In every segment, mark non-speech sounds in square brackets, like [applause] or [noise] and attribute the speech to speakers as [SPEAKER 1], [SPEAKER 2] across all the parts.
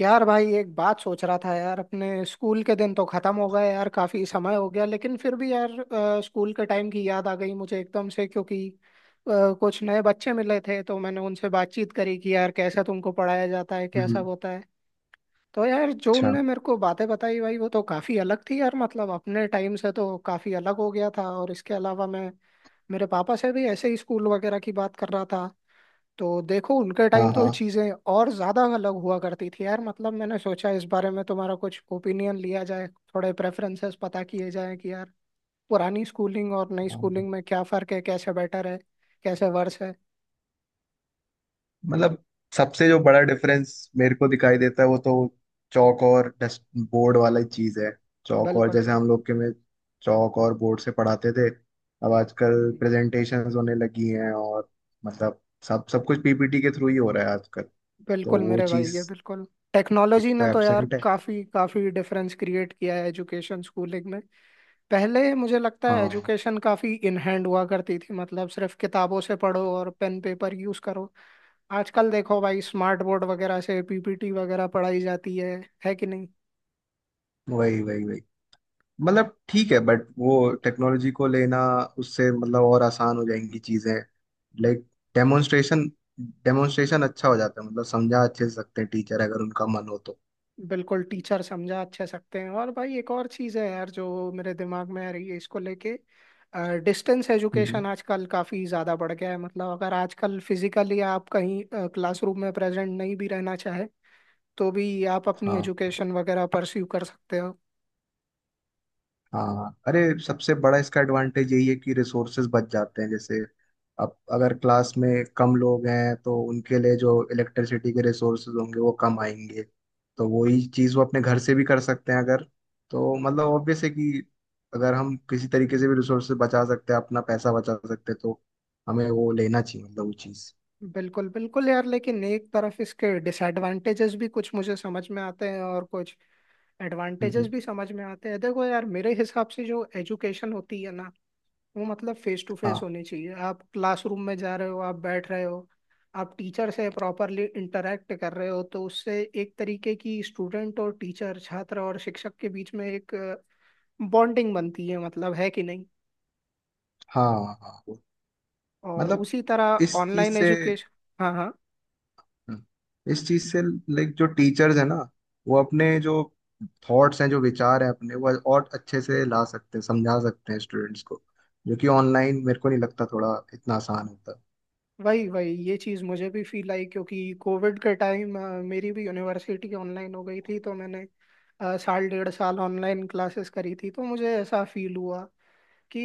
[SPEAKER 1] यार भाई एक बात सोच रहा था यार। अपने स्कूल के दिन तो खत्म हो गए यार, काफी समय हो गया, लेकिन फिर भी यार स्कूल के टाइम की याद आ गई मुझे एकदम से, क्योंकि कुछ नए बच्चे मिले थे तो मैंने उनसे बातचीत करी कि यार कैसा तुमको पढ़ाया जाता है, कैसा
[SPEAKER 2] हम्म।
[SPEAKER 1] होता है। तो यार जो
[SPEAKER 2] अच्छा।
[SPEAKER 1] उनने मेरे को बातें बताई भाई, वो तो काफी अलग थी यार। मतलब अपने टाइम से तो काफी अलग हो गया था। और इसके अलावा मैं मेरे पापा से भी ऐसे ही स्कूल वगैरह की बात कर रहा था, तो देखो उनके
[SPEAKER 2] हाँ,
[SPEAKER 1] टाइम तो
[SPEAKER 2] हाँ,
[SPEAKER 1] चीजें और ज्यादा अलग हुआ करती थी यार। मतलब मैंने सोचा इस बारे में तुम्हारा कुछ ओपिनियन लिया जाए, थोड़े प्रेफरेंसेस पता किए जाए कि यार पुरानी स्कूलिंग और नई
[SPEAKER 2] हाँ।
[SPEAKER 1] स्कूलिंग में क्या फर्क है, कैसे बेटर है, कैसे वर्स है।
[SPEAKER 2] मतलब सबसे जो बड़ा डिफरेंस मेरे को दिखाई देता है वो तो चौक और डस्ट बोर्ड वाला चीज है। चौक और
[SPEAKER 1] बिल्कुल
[SPEAKER 2] जैसे
[SPEAKER 1] बिल्कुल।
[SPEAKER 2] हम लोग के में चौक और बोर्ड से पढ़ाते थे। अब आजकल
[SPEAKER 1] हम्म।
[SPEAKER 2] प्रेजेंटेशंस होने लगी हैं और मतलब सब सब कुछ पीपीटी के थ्रू ही हो रहा है आजकल। तो
[SPEAKER 1] बिल्कुल
[SPEAKER 2] वो
[SPEAKER 1] मेरे भाई,
[SPEAKER 2] चीज
[SPEAKER 1] ये बिल्कुल
[SPEAKER 2] एक
[SPEAKER 1] टेक्नोलॉजी
[SPEAKER 2] तो
[SPEAKER 1] ने तो यार
[SPEAKER 2] एब्सेंट है।
[SPEAKER 1] काफी काफी डिफरेंस क्रिएट किया है एजुकेशन स्कूलिंग में। पहले मुझे लगता है
[SPEAKER 2] हाँ,
[SPEAKER 1] एजुकेशन काफी इन हैंड हुआ करती थी, मतलब सिर्फ किताबों से पढ़ो और पेन पेपर यूज करो। आजकल देखो भाई स्मार्ट बोर्ड वगैरह से पीपीटी वगैरह पढ़ाई जाती है कि नहीं।
[SPEAKER 2] वही, वही, वही। मतलब ठीक है बट वो टेक्नोलॉजी को लेना, उससे मतलब और आसान हो जाएंगी चीजें। लाइक डेमोन्स्ट्रेशन डेमोन्स्ट्रेशन अच्छा हो जाता है, मतलब समझा अच्छे से सकते हैं टीचर अगर उनका मन हो तो।
[SPEAKER 1] बिल्कुल, टीचर समझा अच्छे सकते हैं। और भाई एक और चीज़ है यार जो मेरे दिमाग में आ रही है इसको लेके। डिस्टेंस
[SPEAKER 2] हम्म।
[SPEAKER 1] एजुकेशन आजकल काफ़ी ज़्यादा बढ़ गया है, मतलब अगर आजकल फिजिकली आप कहीं क्लासरूम में प्रेजेंट नहीं भी रहना चाहे तो भी आप अपनी
[SPEAKER 2] हाँ,
[SPEAKER 1] एजुकेशन वगैरह परस्यू कर सकते हो।
[SPEAKER 2] हाँ, अरे सबसे बड़ा इसका एडवांटेज यही है कि रिसोर्सेज बच जाते हैं। जैसे अब अगर क्लास में कम लोग हैं तो उनके लिए जो इलेक्ट्रिसिटी के रिसोर्सेज होंगे वो कम आएंगे। तो वही चीज़ वो अपने घर से भी कर सकते हैं अगर। तो मतलब ऑब्वियस है कि अगर हम किसी तरीके से भी रिसोर्सेज बचा सकते हैं, अपना पैसा बचा सकते हैं तो हमें वो लेना चाहिए मतलब वो चीज़।
[SPEAKER 1] बिल्कुल बिल्कुल यार, लेकिन एक तरफ इसके डिसएडवांटेजेस भी कुछ मुझे समझ में आते हैं और कुछ एडवांटेजेस
[SPEAKER 2] हम्म।
[SPEAKER 1] भी समझ में आते हैं। देखो यार मेरे हिसाब से जो एजुकेशन होती है ना, वो मतलब फेस टू फेस
[SPEAKER 2] हाँ,
[SPEAKER 1] होनी चाहिए। आप क्लासरूम में जा रहे हो, आप बैठ रहे हो, आप टीचर से प्रॉपरली इंटरेक्ट कर रहे हो, तो उससे एक तरीके की स्टूडेंट और टीचर, छात्र और शिक्षक के बीच में एक बॉन्डिंग बनती है, मतलब, है कि नहीं।
[SPEAKER 2] हाँ। हाँ
[SPEAKER 1] और
[SPEAKER 2] मतलब
[SPEAKER 1] उसी तरह
[SPEAKER 2] इस चीज़
[SPEAKER 1] ऑनलाइन
[SPEAKER 2] से।
[SPEAKER 1] एजुकेशन। हाँ हाँ।
[SPEAKER 2] हम्म। इस चीज से लाइक जो टीचर्स है ना वो अपने जो थॉट्स हैं, जो विचार हैं अपने, वो और अच्छे से ला सकते हैं, समझा सकते हैं स्टूडेंट्स को, जो कि ऑनलाइन मेरे को नहीं लगता थोड़ा इतना आसान होता।
[SPEAKER 1] वही वही, ये चीज़ मुझे भी फील आई क्योंकि कोविड के टाइम मेरी भी यूनिवर्सिटी ऑनलाइन हो गई थी, तो मैंने साल डेढ़ साल ऑनलाइन क्लासेस करी थी, तो मुझे ऐसा फील हुआ कि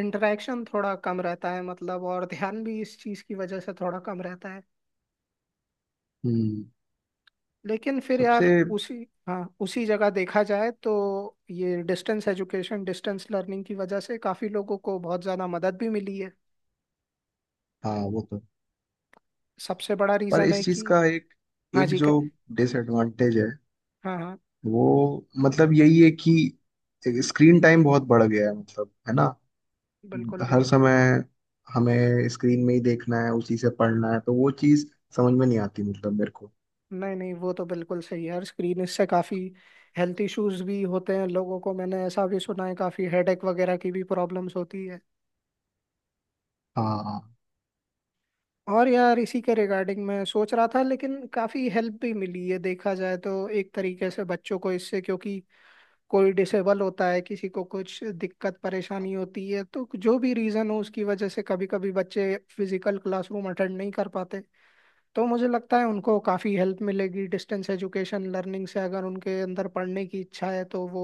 [SPEAKER 1] इंटरेक्शन थोड़ा कम रहता है, मतलब और ध्यान भी इस चीज़ की वजह से थोड़ा कम रहता है।
[SPEAKER 2] हम्म।
[SPEAKER 1] लेकिन फिर
[SPEAKER 2] सबसे,
[SPEAKER 1] यार उसी, हाँ उसी जगह देखा जाए तो ये डिस्टेंस एजुकेशन डिस्टेंस लर्निंग की वजह से काफ़ी लोगों को बहुत ज़्यादा मदद भी मिली है,
[SPEAKER 2] हाँ वो तो।
[SPEAKER 1] सबसे बड़ा
[SPEAKER 2] पर
[SPEAKER 1] रीज़न है
[SPEAKER 2] इस चीज
[SPEAKER 1] कि
[SPEAKER 2] का एक,
[SPEAKER 1] हाँ
[SPEAKER 2] एक
[SPEAKER 1] जी
[SPEAKER 2] जो डिसएडवांटेज है
[SPEAKER 1] हाँ हाँ।
[SPEAKER 2] वो मतलब यही है कि स्क्रीन टाइम बहुत बढ़ गया है, मतलब है ना।
[SPEAKER 1] बिल्कुल
[SPEAKER 2] हर
[SPEAKER 1] बिल्कुल।
[SPEAKER 2] समय हमें स्क्रीन में ही देखना है, उसी से पढ़ना है, तो वो चीज समझ में नहीं आती मतलब मेरे को।
[SPEAKER 1] नहीं नहीं, वो तो बिल्कुल सही है यार, स्क्रीन इससे काफ़ी हेल्थ इश्यूज भी होते हैं लोगों को, मैंने ऐसा भी सुना है, काफ़ी हेडेक वगैरह की भी प्रॉब्लम्स होती है।
[SPEAKER 2] हाँ।
[SPEAKER 1] और यार इसी के रिगार्डिंग मैं सोच रहा था, लेकिन काफ़ी हेल्प भी मिली है देखा जाए तो एक तरीके से बच्चों को इससे, क्योंकि कोई डिसेबल होता है, किसी को कुछ दिक्कत परेशानी होती है तो जो भी रीज़न हो उसकी वजह से कभी कभी बच्चे फिजिकल क्लासरूम अटेंड नहीं कर पाते, तो मुझे लगता है उनको काफ़ी हेल्प मिलेगी डिस्टेंस एजुकेशन लर्निंग से। अगर उनके अंदर पढ़ने की इच्छा है तो वो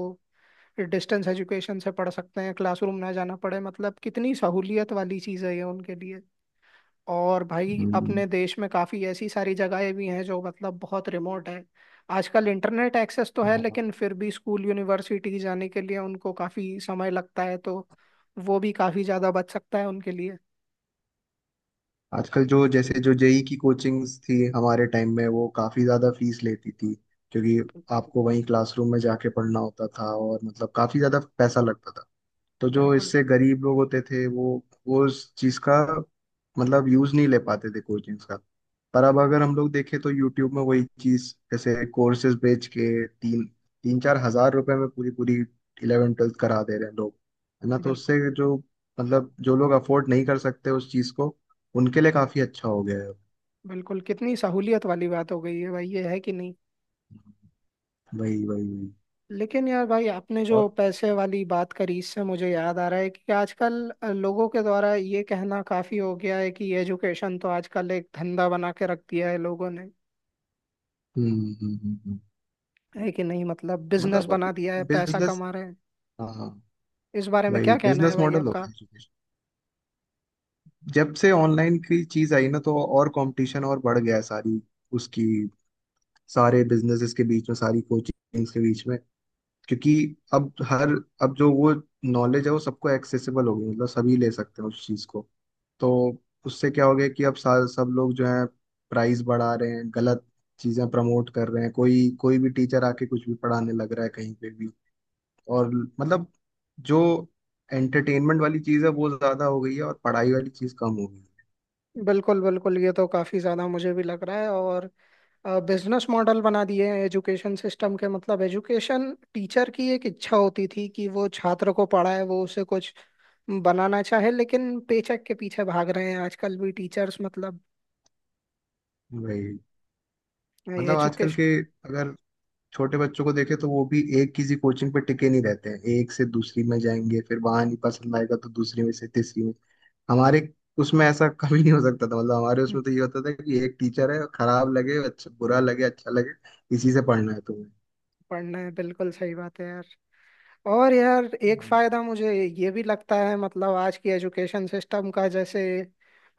[SPEAKER 1] डिस्टेंस एजुकेशन से पढ़ सकते हैं, क्लासरूम ना जाना पड़े, मतलब कितनी सहूलियत वाली चीज़ है ये उनके लिए। और भाई
[SPEAKER 2] हम्म।
[SPEAKER 1] अपने देश में काफ़ी ऐसी सारी जगहें भी हैं जो मतलब बहुत रिमोट है, आजकल इंटरनेट एक्सेस तो है,
[SPEAKER 2] हाँ।
[SPEAKER 1] लेकिन फिर भी स्कूल यूनिवर्सिटी जाने के लिए उनको काफ़ी समय लगता है, तो वो भी काफ़ी ज़्यादा बच सकता है उनके लिए।
[SPEAKER 2] आजकल जो जैसे जो जेई की कोचिंग्स थी हमारे टाइम में वो काफी ज्यादा फीस लेती थी, क्योंकि
[SPEAKER 1] बिल्कुल।
[SPEAKER 2] आपको वहीं क्लासरूम में जाके पढ़ना होता था और मतलब काफी ज्यादा पैसा लगता था। तो जो
[SPEAKER 1] बिल्कुल।
[SPEAKER 2] इससे गरीब लोग होते थे वो उस चीज का मतलब यूज नहीं ले पाते थे कोचिंग्स का। पर अब अगर
[SPEAKER 1] बिल्कुल।
[SPEAKER 2] हम लोग देखें तो यूट्यूब में वही चीज जैसे कोर्सेज बेच के तीन 3-4 हज़ार रुपए में पूरी पूरी 11th-12th करा दे रहे हैं लोग, है ना? तो
[SPEAKER 1] बिल्कुल।
[SPEAKER 2] उससे जो मतलब जो लोग अफोर्ड नहीं कर सकते उस चीज को, उनके लिए काफी अच्छा हो गया है।
[SPEAKER 1] बिल्कुल, कितनी सहूलियत वाली बात हो गई है भाई, ये है कि नहीं।
[SPEAKER 2] वही, वही, वही।
[SPEAKER 1] लेकिन यार भाई आपने जो
[SPEAKER 2] और
[SPEAKER 1] पैसे वाली बात करी, इससे मुझे याद आ रहा है कि आजकल लोगों के द्वारा ये कहना काफी हो गया है कि एजुकेशन तो आजकल एक धंधा बना के रख दिया है लोगों ने,
[SPEAKER 2] हम्म, हम्म, हम्म,
[SPEAKER 1] है कि नहीं। मतलब बिजनेस
[SPEAKER 2] मतलब
[SPEAKER 1] बना
[SPEAKER 2] अब
[SPEAKER 1] दिया है, पैसा
[SPEAKER 2] बिजनेस।
[SPEAKER 1] कमा रहे हैं।
[SPEAKER 2] हाँ, हाँ,
[SPEAKER 1] इस बारे में क्या
[SPEAKER 2] वही
[SPEAKER 1] कहना है
[SPEAKER 2] बिजनेस
[SPEAKER 1] भाई
[SPEAKER 2] मॉडल हो
[SPEAKER 1] आपका।
[SPEAKER 2] गया। जब से ऑनलाइन की चीज आई ना तो और कंपटीशन और बढ़ गया है, सारी, उसकी, सारे बिजनेसेस के बीच में, सारी कोचिंग्स के बीच में, क्योंकि अब हर, अब जो वो नॉलेज है वो सबको एक्सेसिबल हो गई, मतलब सभी ले सकते हैं उस चीज को। तो उससे क्या हो गया कि अब सब लोग जो है प्राइस बढ़ा रहे हैं, गलत चीजें प्रमोट कर रहे हैं, कोई कोई भी टीचर आके कुछ भी पढ़ाने लग रहा है कहीं पे भी। और मतलब जो एंटरटेनमेंट वाली चीज है वो ज्यादा हो गई है और पढ़ाई वाली चीज कम हो गई
[SPEAKER 1] बिल्कुल बिल्कुल, ये तो काफी ज्यादा मुझे भी लग रहा है। और बिजनेस मॉडल बना दिए हैं एजुकेशन सिस्टम के, मतलब एजुकेशन टीचर की एक इच्छा होती थी कि वो छात्र को पढ़ाए, वो उसे कुछ बनाना चाहे, लेकिन पेचेक के पीछे भाग रहे हैं आजकल भी टीचर्स, मतलब
[SPEAKER 2] है भाई। मतलब आजकल
[SPEAKER 1] एजुकेशन।
[SPEAKER 2] के, अगर छोटे बच्चों को देखे तो वो भी एक किसी कोचिंग पे टिके नहीं रहते हैं, एक से दूसरी में जाएंगे, फिर वहां नहीं पसंद आएगा तो दूसरी में से तीसरी में। हमारे उसमें ऐसा [laughs] कभी नहीं हो सकता था, मतलब हमारे उसमें तो ये होता था कि एक टीचर है, खराब लगे, अच्छा बुरा लगे, अच्छा लगे, इसी से पढ़ना है तुम्हें।
[SPEAKER 1] पढ़ना है, बिल्कुल सही बात है यार। और यार एक
[SPEAKER 2] हम्म।
[SPEAKER 1] फायदा मुझे ये भी लगता है, मतलब आज की एजुकेशन सिस्टम का, जैसे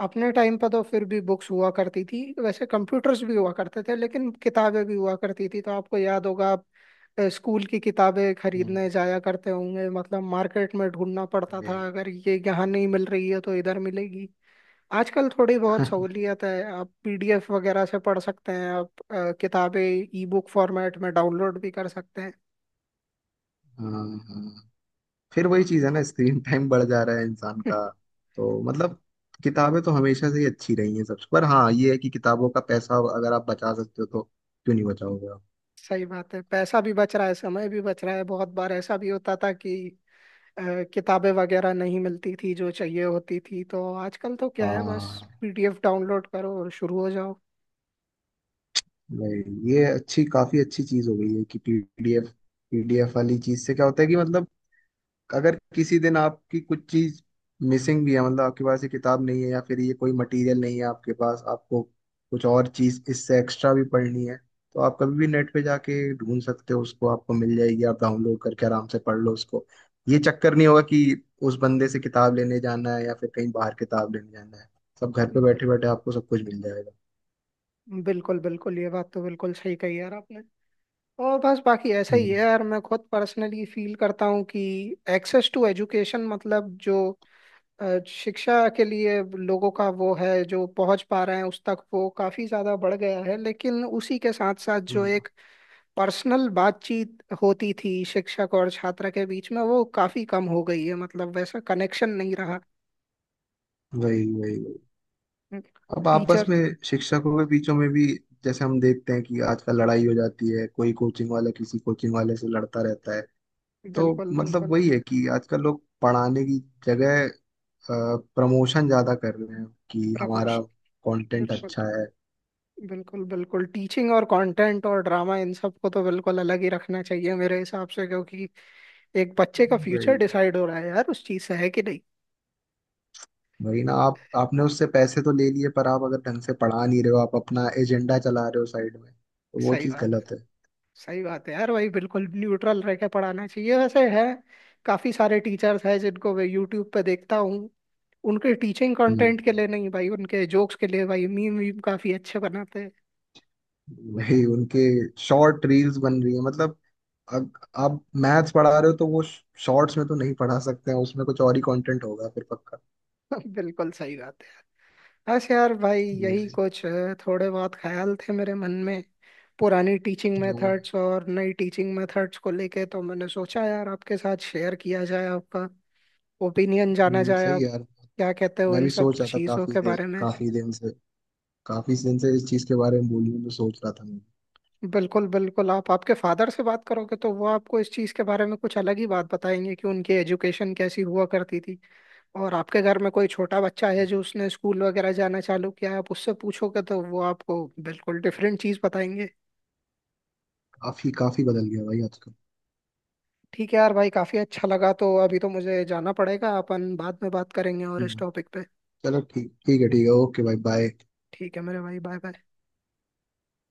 [SPEAKER 1] अपने टाइम पर तो फिर भी बुक्स हुआ करती थी, वैसे कंप्यूटर्स भी हुआ करते थे लेकिन किताबें भी हुआ करती थी, तो आपको याद होगा आप स्कूल की किताबें
[SPEAKER 2] हम्म।
[SPEAKER 1] खरीदने जाया करते होंगे, मतलब मार्केट में ढूंढना पड़ता
[SPEAKER 2] वही।
[SPEAKER 1] था, अगर ये यहाँ नहीं मिल रही है तो इधर मिलेगी। आजकल थोड़ी
[SPEAKER 2] [laughs]
[SPEAKER 1] बहुत
[SPEAKER 2] हाँ,
[SPEAKER 1] सहूलियत है, आप पीडीएफ वगैरह से पढ़ सकते हैं, आप किताबें ई बुक फॉर्मेट में डाउनलोड भी कर सकते
[SPEAKER 2] हाँ, फिर वही चीज है ना, स्क्रीन टाइम बढ़ जा रहा है इंसान
[SPEAKER 1] हैं।
[SPEAKER 2] का। तो मतलब किताबें तो हमेशा से ही अच्छी रही हैं सबसे, पर हाँ, ये है कि किताबों का पैसा अगर आप बचा सकते हो तो क्यों नहीं बचाओगे आप।
[SPEAKER 1] सही बात है, पैसा भी बच रहा है, समय भी बच रहा है। बहुत बार ऐसा भी होता था कि अ, किताबें वगैरह नहीं मिलती थी जो चाहिए होती थी, तो आजकल तो क्या है, बस
[SPEAKER 2] हाँ,
[SPEAKER 1] पीडीएफ डाउनलोड करो और शुरू हो जाओ।
[SPEAKER 2] नहीं ये अच्छी, काफी अच्छी चीज हो गई है कि पीडीएफ पीडीएफ वाली चीज से क्या होता है कि मतलब अगर किसी दिन आपकी कुछ चीज मिसिंग भी है, मतलब आपके पास ये किताब नहीं है या फिर ये कोई मटेरियल नहीं है आपके पास, आपको कुछ और चीज इससे एक्स्ट्रा भी पढ़नी है, तो आप कभी भी नेट पे जाके ढूंढ सकते हो उसको, आपको मिल जाएगी, आप डाउनलोड करके आराम से पढ़ लो उसको। ये चक्कर नहीं होगा कि उस बंदे से किताब लेने जाना है या फिर कहीं बाहर किताब लेने जाना है। सब घर पे बैठे
[SPEAKER 1] बिल-
[SPEAKER 2] बैठे आपको सब कुछ मिल जाएगा।
[SPEAKER 1] बिल्कुल बिल्कुल, ये बात तो बिल्कुल सही कही यार आपने। और बस बाकी ऐसा ही
[SPEAKER 2] हम्म।
[SPEAKER 1] है यार, मैं खुद पर्सनली फील करता हूँ कि एक्सेस टू एजुकेशन, मतलब जो शिक्षा के लिए लोगों का वो है, जो पहुंच पा रहे हैं उस तक, वो काफी ज्यादा बढ़ गया है। लेकिन उसी के साथ साथ जो
[SPEAKER 2] हम्म।
[SPEAKER 1] एक पर्सनल बातचीत होती थी शिक्षक और छात्र के बीच में, वो काफी कम हो गई है, मतलब वैसा कनेक्शन नहीं रहा।
[SPEAKER 2] वही, वही, वही। अब आपस
[SPEAKER 1] टीचर।
[SPEAKER 2] में शिक्षकों के बीचों में भी जैसे हम देखते हैं कि आजकल लड़ाई हो जाती है, कोई कोचिंग वाला किसी कोचिंग वाले से लड़ता रहता है। तो
[SPEAKER 1] बिल्कुल
[SPEAKER 2] मतलब
[SPEAKER 1] बिल्कुल।
[SPEAKER 2] वही है कि आजकल लोग पढ़ाने की जगह प्रमोशन ज्यादा कर रहे हैं कि हमारा
[SPEAKER 1] प्रमोशन।
[SPEAKER 2] कंटेंट
[SPEAKER 1] बिल्कुल।
[SPEAKER 2] अच्छा है।
[SPEAKER 1] बिल्कुल बिल्कुल, टीचिंग और कंटेंट और ड्रामा, इन सब को तो बिल्कुल अलग ही रखना चाहिए मेरे हिसाब से, क्योंकि एक बच्चे का फ्यूचर
[SPEAKER 2] वही,
[SPEAKER 1] डिसाइड हो रहा है यार उस चीज से, है कि नहीं।
[SPEAKER 2] वही ना। आप आपने उससे पैसे तो ले लिए, पर आप अगर ढंग से पढ़ा नहीं रहे हो, आप अपना एजेंडा चला रहे हो साइड में, तो वो
[SPEAKER 1] सही
[SPEAKER 2] चीज
[SPEAKER 1] बात,
[SPEAKER 2] गलत है।
[SPEAKER 1] सही बात है यार, वही बिल्कुल न्यूट्रल रह के पढ़ाना चाहिए। वैसे है काफी सारे टीचर्स हैं जिनको मैं यूट्यूब पे देखता हूँ, उनके टीचिंग
[SPEAKER 2] हम्म।
[SPEAKER 1] कंटेंट के लिए नहीं भाई, उनके जोक्स के लिए, भाई मीम वीम काफी अच्छे बनाते हैं।
[SPEAKER 2] वही उनके शॉर्ट रील्स बन रही है, मतलब अग, आप मैथ्स पढ़ा रहे हो तो वो शॉर्ट्स में तो नहीं पढ़ा सकते हैं, उसमें कुछ और ही कंटेंट होगा फिर पक्का।
[SPEAKER 1] [laughs] बिल्कुल सही बात है। बस यार भाई यही
[SPEAKER 2] हम्म।
[SPEAKER 1] कुछ थोड़े बहुत ख्याल थे मेरे मन में पुरानी टीचिंग
[SPEAKER 2] हम्म।
[SPEAKER 1] मेथड्स और नई टीचिंग मेथड्स को लेके, तो मैंने सोचा यार आपके साथ शेयर किया जाए, आपका ओपिनियन जाना जाए,
[SPEAKER 2] सही है
[SPEAKER 1] आप
[SPEAKER 2] यार।
[SPEAKER 1] क्या कहते हो
[SPEAKER 2] मैं
[SPEAKER 1] इन
[SPEAKER 2] भी
[SPEAKER 1] सब
[SPEAKER 2] सोच रहा था
[SPEAKER 1] चीज़ों
[SPEAKER 2] काफी
[SPEAKER 1] के
[SPEAKER 2] देर,
[SPEAKER 1] बारे में।
[SPEAKER 2] काफी दिन से इस चीज के बारे में बोलने में सोच रहा था मैं।
[SPEAKER 1] बिल्कुल बिल्कुल, आप आपके फादर से बात करोगे तो वो आपको इस चीज़ के बारे में कुछ अलग ही बात बताएंगे कि उनकी एजुकेशन कैसी हुआ करती थी। और आपके घर में कोई छोटा बच्चा है जो उसने स्कूल वगैरह जाना चालू किया है, आप उससे पूछोगे तो वो आपको बिल्कुल डिफरेंट चीज़ बताएंगे।
[SPEAKER 2] काफी काफी बदल गया भाई आजकल।
[SPEAKER 1] ठीक है यार भाई, काफ़ी अच्छा लगा। तो अभी तो मुझे जाना पड़ेगा, अपन बाद में बात करेंगे और इस
[SPEAKER 2] हम्म।
[SPEAKER 1] टॉपिक पे।
[SPEAKER 2] चलो ठीक, ठीक है, ठीक है, ओके भाई, बाय।
[SPEAKER 1] ठीक है मेरे भाई, बाय बाय।